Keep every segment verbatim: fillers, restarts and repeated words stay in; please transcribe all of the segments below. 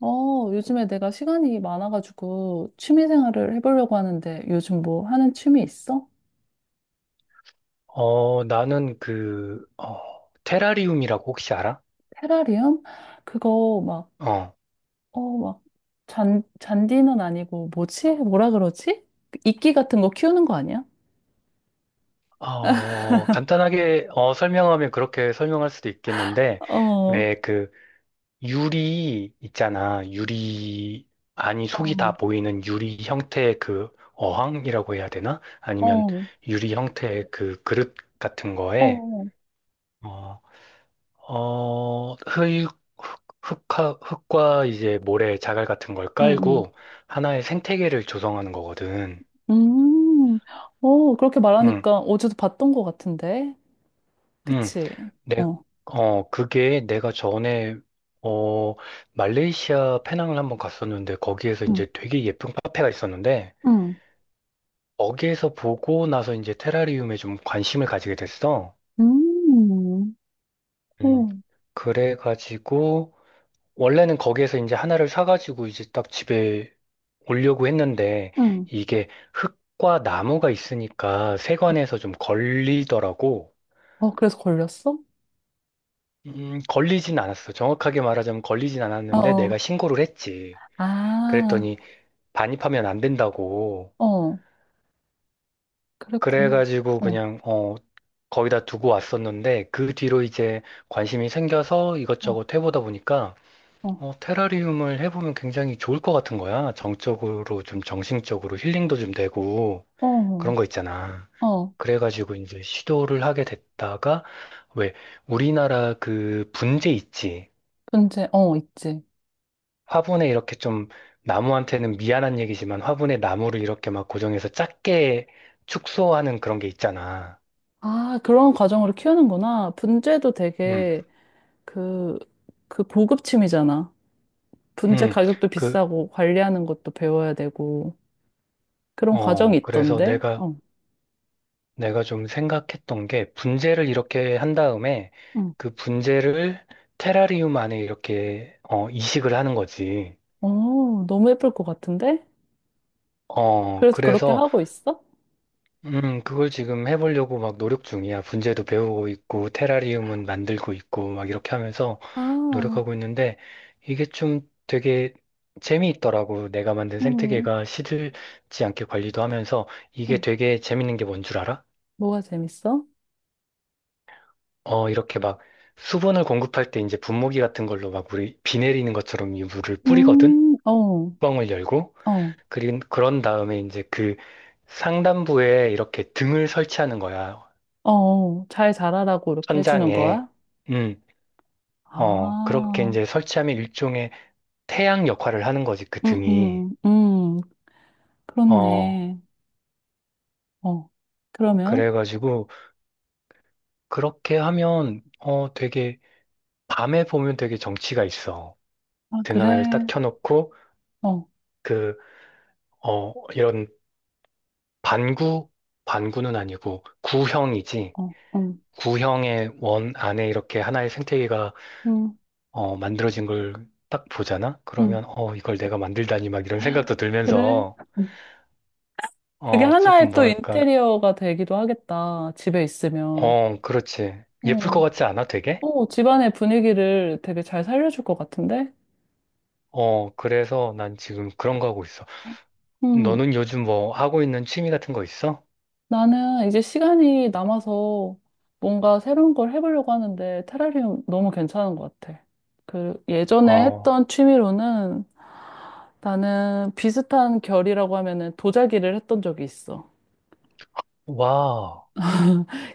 어, 요즘에 내가 시간이 많아가지고 취미 생활을 해보려고 하는데 요즘 뭐 하는 취미 있어? 어, 나는 그, 어, 테라리움이라고 혹시 알아? 테라리움? 그거 막, 어, 어, 막, 잔, 잔디는 아니고 뭐지? 뭐라 그러지? 그 이끼 같은 거 키우는 거 아니야? 어, 간단하게 어, 설명하면 그렇게 설명할 수도 있겠는데, 어, 어, 왜 그 유리 있잖아. 유리, 아니, 속이 다 보이는 유리 형태의 그 어항이라고 해야 되나? 아니면 어, 유리 형태의 그 그릇 같은 거에, 어, 어, 어, 흙, 흙, 흙화- 흙과 이제 모래 자갈 같은 걸 응, 응. 깔고 하나의 생태계를 조성하는 거거든. 음, 어, 그렇게 음, 말하니까 어제도 봤던 것 같은데. 음, 그치? 내, 어, 어, 그게 내가 전에, 어, 말레이시아 페낭을 한번 갔었는데, 거기에서 응, 이제 되게 예쁜 카페가 있었는데, 응, 거기에서 보고 나서 이제 테라리움에 좀 관심을 가지게 됐어. 음, 음, 어, 그래가지고, 원래는 거기에서 이제 하나를 사가지고 이제 딱 집에 오려고 했는데, 응. 이게 흙과 나무가 있으니까 세관에서 좀 걸리더라고. 어, 그래서 걸렸어? 음, 걸리진 않았어. 정확하게 말하자면 걸리진 어, 않았는데 내가 어. 신고를 했지. 아, 그랬더니 반입하면 안 된다고. 어, 그랬구나. 그래가지고 어, 그냥, 어, 거기다 두고 왔었는데 그 뒤로 이제 관심이 생겨서 어, 이것저것 해보다 보니까 어, 어, 테라리움을 해보면 굉장히 좋을 것 같은 거야. 정적으로 좀 정신적으로 힐링도 좀 되고 어, 그런 어, 거 있잖아. 어, 그래가지고 이제 시도를 하게 됐다가 왜 우리나라 그 분재 있지. 분재, 어, 있지. 화분에 이렇게 좀 나무한테는 미안한 얘기지만 화분에 나무를 이렇게 막 고정해서 작게 축소하는 그런 게 있잖아. 아, 그런 과정으로 키우는구나. 분재도 음, 되게 그, 그 고급침이잖아. 분재 음, 가격도 그, 비싸고 관리하는 것도 배워야 되고 그런 과정이 어, 그래서 있던데. 내가, 어, 내가 좀 생각했던 게 분재를 이렇게 한 다음에 응. 그 분재를 테라리움 안에 이렇게, 어, 이식을 하는 거지. 어, 너무 예쁠 것 같은데? 어, 그래서 그렇게 그래서 하고 있어? 음, 그걸 지금 해보려고 막 노력 중이야. 분재도 배우고 있고, 테라리움은 만들고 있고, 막 이렇게 하면서 아, 노력하고 있는데, 이게 좀 되게 재미있더라고. 내가 만든 음, 생태계가 시들지 않게 관리도 하면서, 이게 음. 되게 재밌는 게 뭔 줄 알아? 뭐가 재밌어? 어, 이렇게 막 수분을 공급할 때 이제 분무기 같은 걸로 막 우리 비 내리는 것처럼 이 물을 뿌리거든? 음, 어, 뚜껑을 열고, 어. 그린, 그런 다음에 이제 그 상단부에 이렇게 등을 설치하는 거야. 어, 잘 자라라고 이렇게 해주는 천장에. 거야? 음. 어, 그렇게 아, 이제 설치하면 일종의 태양 역할을 하는 거지, 그 음, 등이. 음, 음, 어, 그렇네. 어, 그러면? 그래가지고, 그렇게 하면, 어, 되게, 밤에 보면 되게 정취가 있어. 아, 등 그래. 하나를 딱 켜놓고, 어, 그, 어, 이런 반구, 반구는 아니고, 구형이지. 어, 음, 구형의 원 안에 이렇게 하나의 생태계가, 음, 어, 만들어진 걸 딱 보잖아? 음, 그러면, 어, 이걸 내가 만들다니, 막 이런 생각도 그래. 들면서, 음. 그게 어, 하나의 조금 또 뭐랄까, 인테리어가 되기도 하겠다. 집에 있으면. 어, 그렇지. 예쁠 것 어, 같지 않아, 되게? 어, 집안의 분위기를 되게 잘 살려줄 것 같은데? 어, 그래서 난 지금 그런 거 하고 있어. 음, 너는 요즘 뭐 하고 있는 취미 같은 거 있어? 나는 이제 시간이 남아서 뭔가 새로운 걸 해보려고 하는데 테라리움 너무 괜찮은 것 같아. 그 예전에 어, 했던 취미로는 나는 비슷한 결이라고 하면은 도자기를 했던 적이 있어. 와,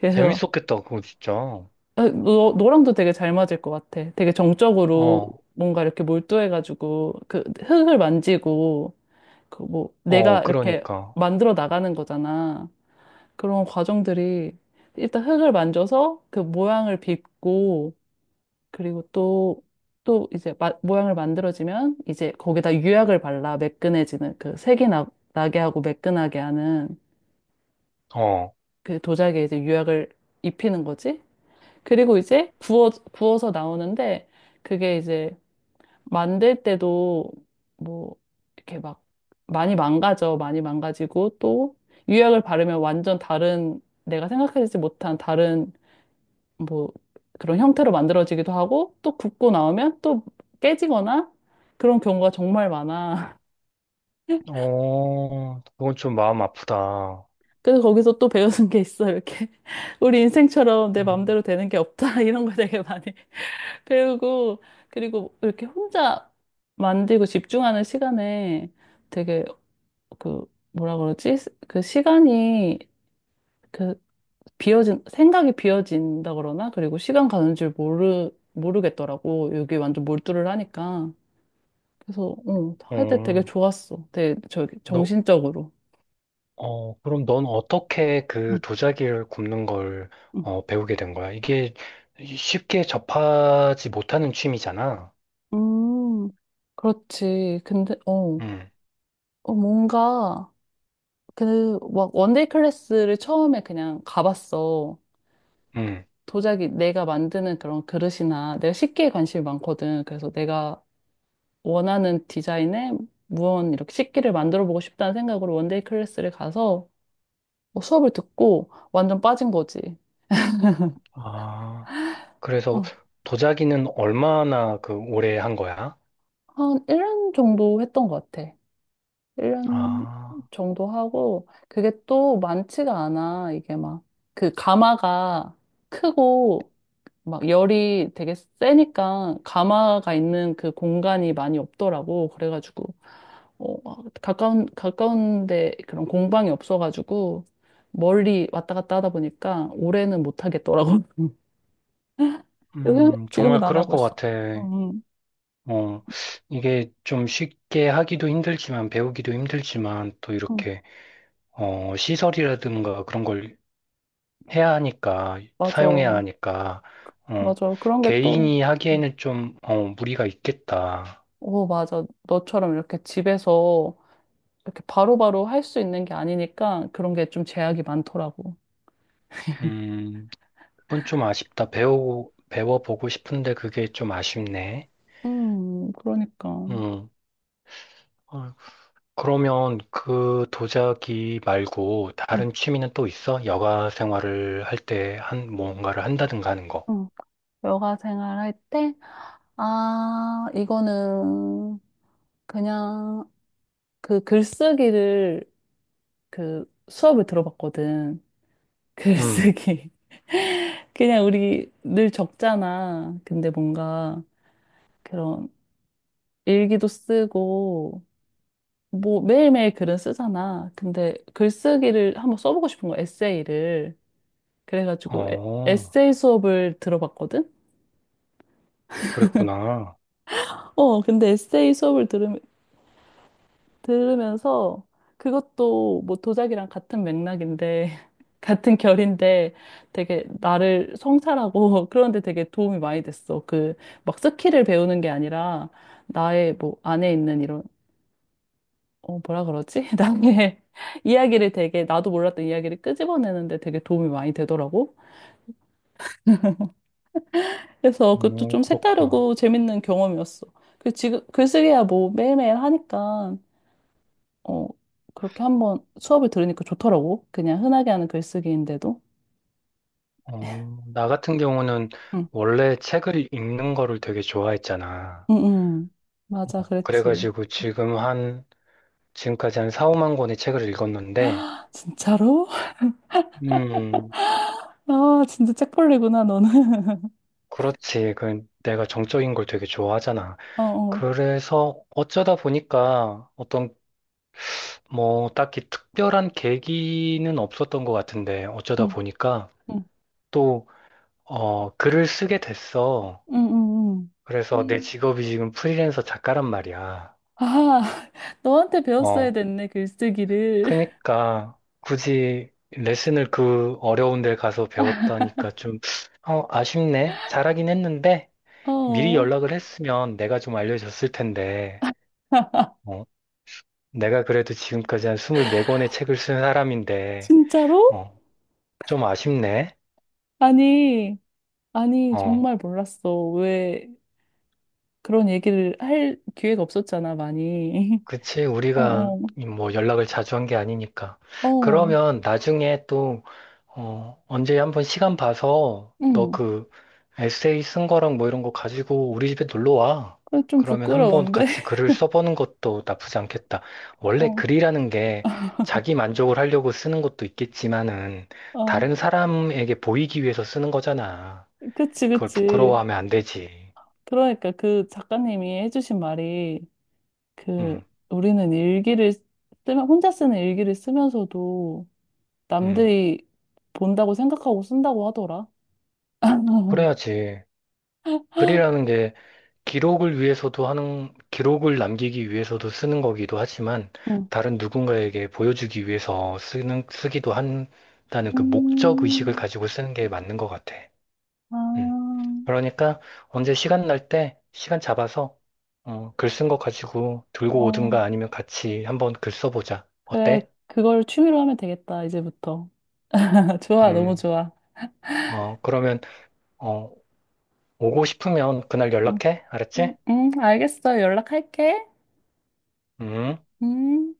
그래서 재밌었겠다, 그거 진짜. 어, 너, 너랑도 되게 잘 맞을 것 같아. 되게 정적으로 어, 뭔가 이렇게 몰두해가지고 그 흙을 만지고 그 뭐 어, 내가 이렇게 그러니까. 만들어 나가는 거잖아. 그런 과정들이 일단 흙을 만져서 그 모양을 빚고 그리고 또, 또 이제 마- 모양을 만들어지면 이제 거기다 유약을 발라 매끈해지는 그 색이 나, 나게 하고 매끈하게 하는 어, 그 도자기에 이제 유약을 입히는 거지. 그리고 이제 구워, 구워서 나오는데 그게 이제 만들 때도 뭐 이렇게 막 많이 망가져. 많이 망가지고 또 유약을 바르면 완전 다른 내가 생각하지 못한 다른 뭐 그런 형태로 만들어지기도 하고 또 굽고 나오면 또 깨지거나 그런 경우가 정말 많아. 어, 그건 좀 마음 아프다. 그래서 거기서 또 배우는 게 있어. 이렇게 우리 인생처럼 내 음. 마음대로 되는 게 없다. 이런 거 되게 많이 배우고 그리고 이렇게 혼자 만들고 집중하는 시간에 되게 그 뭐라 그러지? 그 시간이 그 비어진 생각이 비어진다 그러나 그리고 시간 가는 줄 모르 모르겠더라고. 여기 완전 몰두를 하니까. 그래서 어, 할 때 되게 어, 좋았어. 되게 저 너, 정신적으로. 어, 그럼 넌 어떻게 그 응, 도자기를 굽는 걸 응. 어, 배우게 된 거야? 이게 쉽게 접하지 못하는 취미잖아. 음, 그렇지. 근데 어, 음. 어 뭔가 그 막 원데이 클래스를 처음에 그냥 가봤어. 음. 도자기 내가 만드는 그런 그릇이나 내가 식기에 관심이 많거든. 그래서 내가 원하는 디자인의 무언 이렇게 식기를 만들어 보고 싶다는 생각으로 원데이 클래스를 가서 뭐 수업을 듣고 완전 빠진 거지. 아, 그래서 어, 도자기는 얼마나 그 오래 한 거야? 한 일 년 정도 했던 것 같아. 일 년 아, 정도 하고, 그게 또 많지가 않아. 이게 막, 그 가마가 크고, 막 열이 되게 세니까, 가마가 있는 그 공간이 많이 없더라고. 그래가지고, 어, 가까운, 가까운데 그런 공방이 없어가지고, 멀리 왔다 갔다 하다 보니까, 올해는 못 하겠더라고. 그래서 음, 지금은 정말 안 그럴 하고 것 있어. 같아. 응, 어, 이게 좀 쉽게 하기도 힘들지만, 배우기도 힘들지만, 또 응, 이렇게, 어, 시설이라든가 그런 걸 해야 하니까, 맞아. 사용해야 하니까, 어, 맞아. 그런 게 또, 개인이 음. 하기에는 좀, 어, 무리가 있겠다. 오, 맞아. 너처럼 이렇게 집에서 이렇게 바로바로 할 수 있는 게 아니니까 그런 게 좀 제약이 많더라고. 음, 그건 좀 아쉽다. 배우, 배워보고 싶은데 그게 좀 아쉽네. 음, 그러니까. 음. 그러면 그 도자기 말고 음, 다른 취미는 또 있어? 여가 생활을 할 때 한, 뭔가를 한다든가 하는 거. 음. 여가 생활할 때, 아, 이거는 그냥 그 글쓰기를 그 수업을 들어봤거든. 음, 글쓰기. 그냥 우리 늘 적잖아. 근데 뭔가 그런 일기도 쓰고, 뭐 매일매일 글은 쓰잖아. 근데 글쓰기를 한번 써보고 싶은 거 에세이를. 그래가지고 에, 어, 에세이 수업을 들어봤거든? 그랬구나. 어, 근데 에세이 수업을 들으, 들으면서 그것도 뭐 도자기랑 같은 맥락인데, 같은 결인데 되게 나를 성찰하고 그런데 되게 도움이 많이 됐어. 그 막 스킬을 배우는 게 아니라 나의 뭐 안에 있는 이런 어, 뭐라 그러지? 나의 이야기를 되게, 나도 몰랐던 이야기를 끄집어내는데 되게 도움이 많이 되더라고. 그래서 그것도 어, 좀 그렇구나. 색다르고 재밌는 경험이었어. 그 지금, 글쓰기야 뭐 매일매일 하니까, 어, 그렇게 한번 수업을 들으니까 좋더라고. 그냥 흔하게 하는 글쓰기인데도. 어, 나 같은 경우는 응, 원래 책을 읽는 거를 되게 좋아했잖아. 응, 응. 맞아, 어, 그랬지. 그래가지고 지금 한, 지금까지 한 사, 오만 권의 책을 읽었는데, 진짜로? 음, 아, 진짜 책벌레구나, 너는. 그렇지. 그 내가 정적인 걸 되게 좋아하잖아. 어, 어. 그래서 어쩌다 보니까 어떤 뭐, 딱히 특별한 계기는 없었던 것 같은데, 어쩌다 응, 보니까 응, 또, 어, 글을 쓰게 됐어. 응, 응, 그래서 내 응. 직업이 지금 프리랜서 작가란 말이야. 아, 너한테 배웠어야 어, 됐네, 글쓰기를. 그니까 굳이 레슨을 그 어려운 데 가서 배웠다니까 좀, 어, 아쉽네. 잘하긴 했는데, 미리 어, 연락을 했으면 내가 좀 알려줬을 텐데, 어, 내가 그래도 지금까지 한 이십사 권의 책을 쓴 사람인데, 진짜로? 어, 좀 아쉽네. 아니, 아니, 어. 정말 몰랐어. 왜 그런 얘기를 할 기회가 없었잖아, 많이. 그치, 어, 우리가 어, 뭐 연락을 자주 한 게 아니니까. 어, 그러면 나중에 또, 어, 언제 한번 시간 봐서 너 응. 그 에세이 쓴 거랑 뭐 이런 거 가지고 우리 집에 놀러 와. 그래, 좀 그러면 한번 부끄러운데? 같이 글을 써보는 것도 나쁘지 않겠다. 원래 글이라는 게 자기 만족을 하려고 쓰는 것도 있겠지만은 어, 어, 다른 사람에게 보이기 위해서 쓰는 거잖아. 그치, 그걸 그치. 부끄러워하면 안 되지. 그러니까 그 작가님이 해주신 말이 그 응, 우리는 일기를 쓰면, 혼자 쓰는 일기를 쓰면서도 응. 남들이 본다고 생각하고 쓴다고 하더라. 그래야지. 글이라는 게 기록을 위해서도 하는, 기록을 남기기 위해서도 쓰는 거기도 하지만, 응. 다른 누군가에게 보여주기 위해서 쓰는, 쓰기도 한다는 그 목적 의식을 음. 가지고 쓰는 게 맞는 것 같아. 음. 아, 그러니까, 언제 시간 날 때, 시간 잡아서, 어, 글 쓴 거 가지고 들고 어, 오든가 아니면 같이 한번 글 써보자. 그래, 어때? 그걸 취미로 하면 되겠다, 이제부터. 좋아, 너무 음, 좋아. 어, 그러면, 어, 오고 싶으면 그날 응, 연락해? 알았지? 응, 응, 알겠어. 연락할게. 음. 음.